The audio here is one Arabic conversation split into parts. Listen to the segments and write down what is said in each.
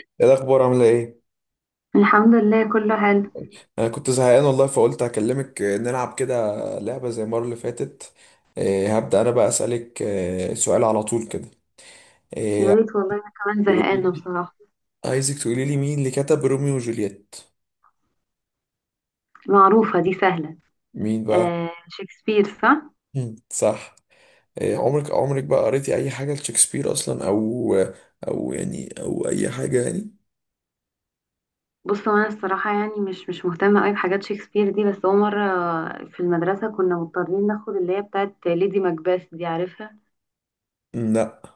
ايه الاخبار؟ عامله ايه؟ الحمد لله، كله حلو. انا كنت زهقان والله، فقلت اكلمك. نلعب كده، لعبه زي المره اللي فاتت. هبدا انا بقى اسالك سؤال على طول كده. يا آه، ريت والله، انا كمان تقولي زهقانه لي- بصراحه. عايزك تقولي لي مين اللي كتب روميو وجولييت. معروفه دي، سهله. مين بقى؟ آه شكسبير صح. مم. صح. عمرك بقى قريتي اي حاجه لشكسبير اصلا، او يعني او اي حاجه يعني؟ بص هو انا الصراحه يعني مش مهتمه قوي بحاجات شكسبير دي، بس هو مره في المدرسه كنا مضطرين ناخد اللي هي بتاعت ليدي ماكبث دي، عارفها؟ مم، لا.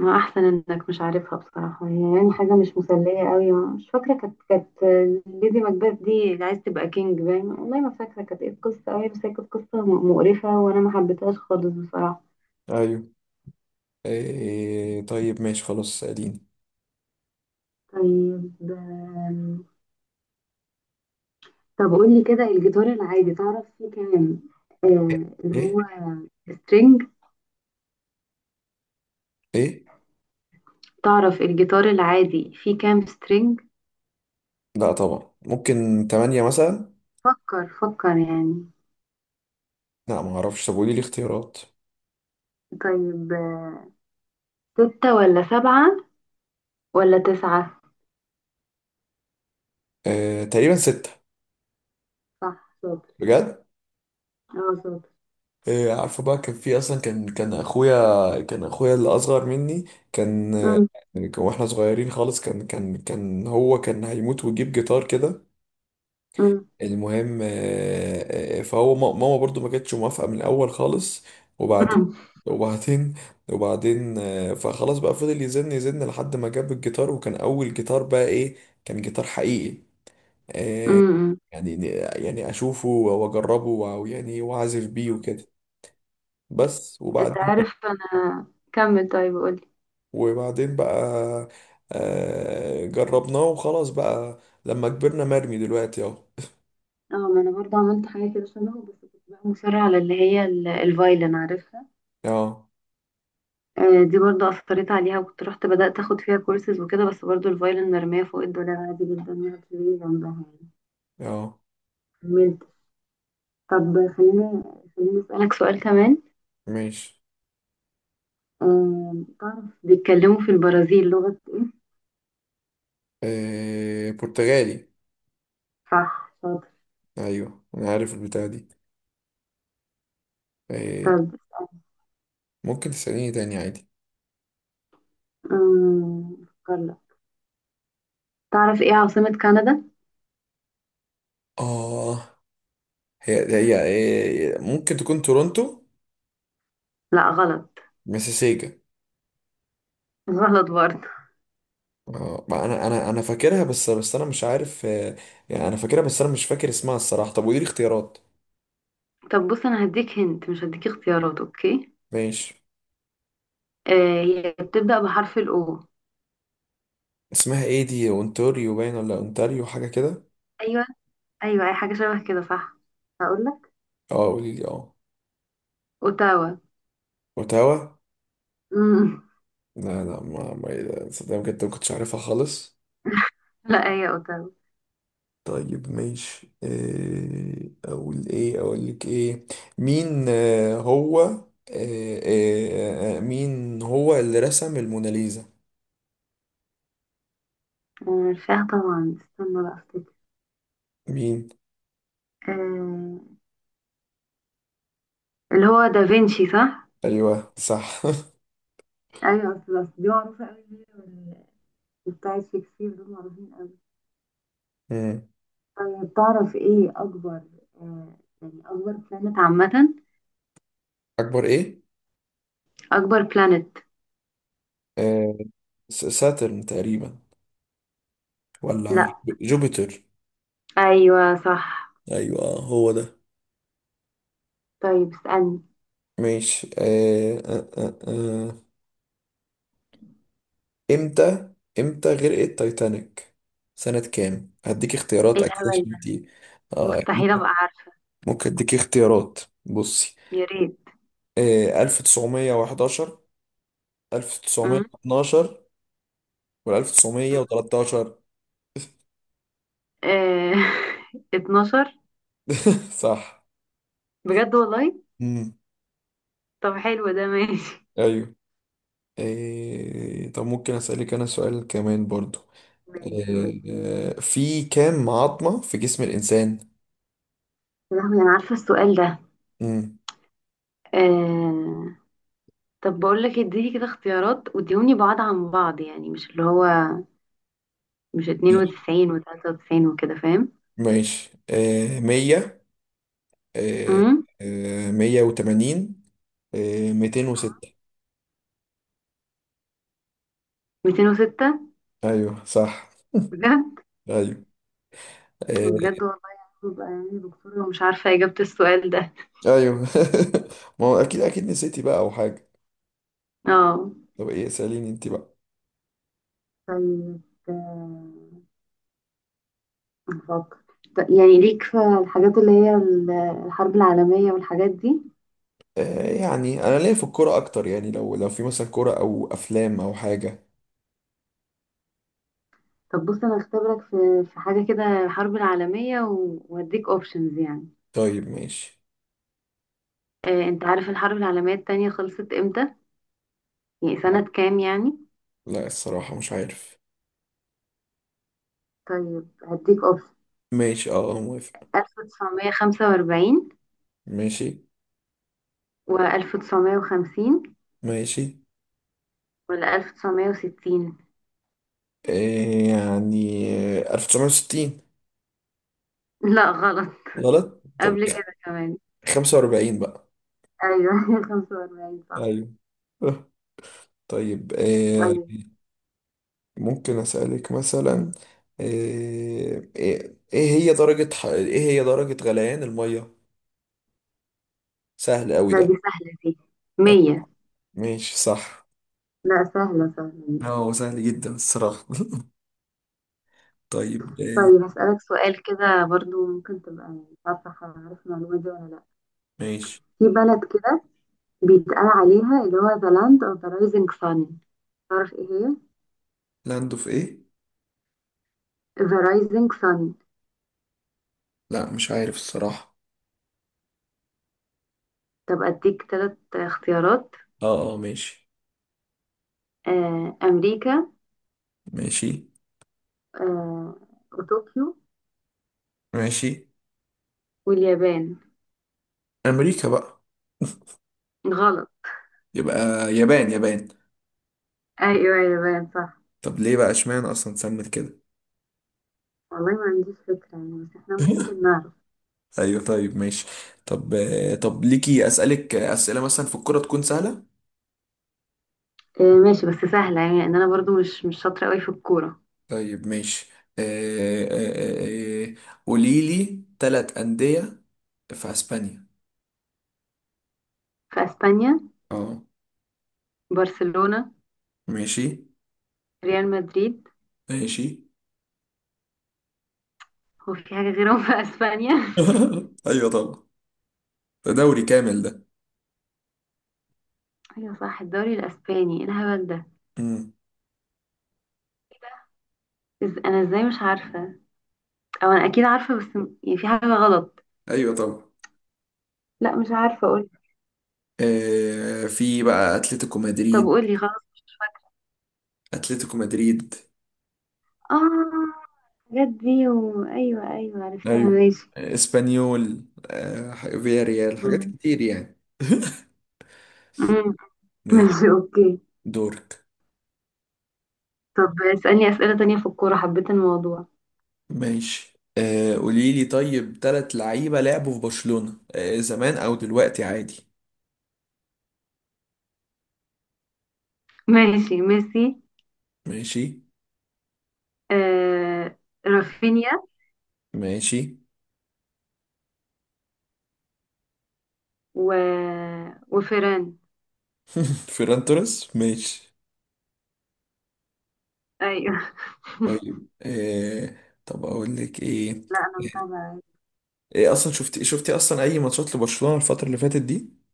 ما احسن انك مش عارفها بصراحه، هي يعني حاجه مش مسليه قوي. مش فاكره، كانت ليدي ماكبث دي اللي عايز تبقى كينج باين، والله ما فاكره كانت ايه القصه قوي، بس هي كانت قصه مقرفه وانا ما حبيتهاش خالص بصراحه. ايوه. طيب ماشي خلاص، سأليني. طيب، طب قول لي كده، الجيتار العادي تعرف فيه كام؟ آه اللي ايه؟ هو سترينج. ايه؟ تعرف الجيتار العادي فيه كام سترينج؟ لا طبعا، ممكن تمانية مثلا؟ فكر يعني. لا ما اعرفش، طب قولي لي اختيارات. طيب آه، ستة ولا سبعة، ولا تسعة؟ تقريبا ستة. صح شاطر. بجد؟ اه شاطر. عارفه بقى، كان في اصلا كان كان اخويا كان اخويا اللي اصغر مني. كان. أم، واحنا صغيرين خالص، كان هو كان هيموت ويجيب جيتار كده. أم، المهم فهو ماما برضو ما كانتش موافقة من الاول خالص. وبعد، أم، وبعدين، وبعدين فخلاص بقى فضل يزن يزن لحد ما جاب الجيتار، وكان اول جيتار بقى ايه؟ كان جيتار حقيقي. أم، آه، أم. يعني، يعني اشوفه واجربه ويعني واعزف بيه وكده. بس انت وبعدين بقى، عارف انا، كمل طيب قول لي. وبعدين بقى جربناه وخلاص بقى. لما كبرنا، مرمي دلوقتي اهو. اه، ما انا برضه عملت حاجة كده شبهه، بس كنت بقى مصرة على اللي هي الفايلن، عارفها؟ اه، دي برضو أثرت عليها، وكنت رحت بدأت أخد فيها كورسز وكده، بس برضو الفايلن مرمية فوق الدولاب عادي جدا، ما في جنبها يعني. اه كملت. طب خليني، خليني أسألك سؤال كمان. ماشي. آه، تعرف بيتكلموا في البرازيل لغة إيه؟ برتغالي. صح شاطر. ايوه انا عارف البتاع دي. آه، طب ممكن تسأليني تاني عادي. آم، أفكر لك. تعرف إيه عاصمة كندا؟ اه. هي، هي ممكن تكون تورونتو. لا غلط. مسيسيجا. غلط برضه. ما انا فاكرها، بس انا مش عارف. يعني انا فاكرها بس انا مش فاكر اسمها الصراحه. طب ودي الاختيارات؟ طب بص، أنا هديك، هنت مش هديك اختيارات، أوكي. ماشي. آه، هي بتبدأ بحرف الأو. اسمها ايه دي؟ اونتاريو باين، ولا اونتاريو حاجه كده. أيوه، أيوه، أي حاجة شبه كده صح. هقول لك، اه قولي لي، اه. أوتاوا. اوتاوا. مم. لا لا، ما صدق بجد ما كنتش عارفها خالص. لا هي اوتارو. طيب ماشي، إيه اقول؟ ايه اقول لك ايه؟ مين آه، هو آه، آه، آه، مين هو اللي رسم الموناليزا؟ عارفاها طبعا، استنى بقى افتكر. مين؟ آه، اللي هو دافنشي صح؟ ايوه صح ايوه اصل، أصل دي معروفة قوي، وبتاعت شكسبير دول معروفين قوي. مم. طيب تعرف ايه اكبر، يعني اكبر بلانت عامة؟ اكبر ايه؟ اكبر بلانت. آه، ساترن تقريبا، ولا لا. جوبيتر. ايوه صح. ايوه هو ده. طيب اسألني. ماشي. امتى، امتى غرقت تايتانيك سنة كام؟ هديك اختيارات ايه اكيد الهبل عشان ده، دي. آه مستحيل ممكن، ابقى عارفة. ممكن اديك اختيارات. بصي، يا ريت. آه 1911، مم. 1912، ولا 1913؟ آه، 12. صح. بجد والله. امم طب حلو ده، ماشي. ايوه. آه طب ممكن اسالك انا سؤال كمان برضو؟ ماشي قولي. آه، في كام عظمة في جسم الإنسان؟ يا لهوي، انا عارفة السؤال ده. مم. آه، طب بقول لك، اديني كده اختيارات واديوني بعض عن بعض، يعني مش اللي هو، مش 92 و93 وكده، فاهم؟ ماشي، آه 100، آه، امم، 180، 206. 206. أيوه صح. بجد. أيوه آه، بجد والله، يعني ببقى يعني دكتور ومش عارفة إجابة السؤال ده. أيوه ما هو أكيد أكيد نسيتي بقى أو حاجة. اه. طب إيه؟ سأليني أنت بقى. طيب آه، نفكر. طب يعني ليك في الحاجات اللي هي الحرب العالمية والحاجات دي؟ يعني أنا ليا في الكورة أكتر يعني، لو في مثلا كورة أو أفلام أو حاجة. طب بص، أنا هختبرك في حاجة كده، الحرب العالمية وهديك اوبشنز يعني. طيب ماشي. انت عارف الحرب العالمية التانية خلصت امتى؟ يعني سنة كام يعني. لا الصراحة مش عارف. طيب هديك اوبشن. ماشي، أه آه، موافق. 1945، ماشي. و1950، ماشي. ولا 1960؟ إيه يعني؟ 1960. لا غلط. غلط طب. قبل كده كمان. 45 بقى. ايوه 45 صح. ايوه آه. طيب إيه؟ طيب. ممكن أسألك مثلا، إيه هي درجة إيه هي درجة غليان المية؟ سهل أوي لا دي ده. سهلة دي. أيوة، 100. ماشي صح. لا سهلة سهلة دي. هو سهل جدا الصراحة طيب طيب إيه؟ هسألك سؤال كده برضو، ممكن تبقى مش عارفة، عارف المعلومة دي ولا لا. ماشي. في بلد كده بيتقال عليها اللي هو the land of the rising sun، تعرف ايه هي؟ لاندو في إيه؟ the rising sun. لا مش عارف الصراحة. طب اديك ثلاث اختيارات. اه، اه ماشي. أمريكا، ماشي. آه، وطوكيو، ماشي. واليابان. أمريكا بقى. غلط. يبقى، يابان، يابان. أيوة اليابان صح. طب ليه بقى اشمعنى اصلا اتسمت كده؟ والله ما عنديش فكرة يعني، بس احنا ممكن نعرف. ايوه طيب ماشي. طب ليكي اسالك اسئله مثلا في الكوره تكون سهله. ماشي بس سهلة، يعني أن أنا برضو مش شاطرة قوي في الكورة. طيب ماشي آه، آه، آه، آه، قولي لي ثلاث انديه في اسبانيا. في أسبانيا. اه برشلونة. ماشي. ريال مدريد. ماشي. هو في حاجة غيرهم في أسبانيا؟ ايوه طبعا، ده دوري كامل ده. أيوة صح، الدوري الأسباني، إيه الهبل ده. امم إز، أنا إزاي مش عارفة، أو أنا أكيد عارفة بس يعني في حاجة غلط. ايوه طبعا. لا مش عارفة أقول. في بقى اتلتيكو طب مدريد. قولي خلاص. اتلتيكو مدريد. آه، الحاجات دي، و، أيوة أيوة عرفتها ايوه. ماشي. اسبانيول، فياريال، حاجات مم. كتير يعني مم. ماشي. ماشي اوكي. دورك. طب اسألني أسئلة تانية في الكورة، حبيت الموضوع. ماشي، آه قولي لي، طيب تلات لعيبة لعبوا في برشلونة، آه، زمان أو دلوقتي عادي. ماشي، ميسي، ماشي. آه، رافينيا، ماشي. و، وفيران. فيران توريس ماشي. ايوه طيب آه، طب أقول لك إيه؟ لا انا آه، متابعة. إيه أصلا، شفتي أصلا أي ماتشات لبرشلونة الفترة اللي فاتت دي؟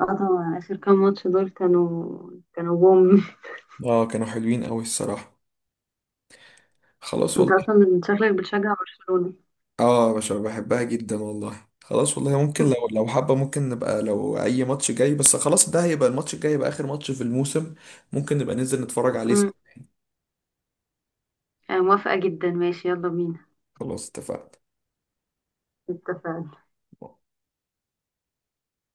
اه طبعا، اخر كام ماتش دول كانوا بوم. آه كانوا حلوين أوي الصراحة. خلاص انت والله. اصلا شكلك بتشجع برشلونة. اه يا باشا بحبها جدا والله. خلاص والله، ممكن لو لو حابة ممكن نبقى لو أي ماتش جاي. بس خلاص، ده هيبقى الماتش الجاي، يبقى آخر ماتش في الموسم. ممكن نبقى ننزل نتفرج عليه سوا. مم. آه موافقة جدا، ماشي يلا بينا. خلاص اتفقنا. اتفقنا.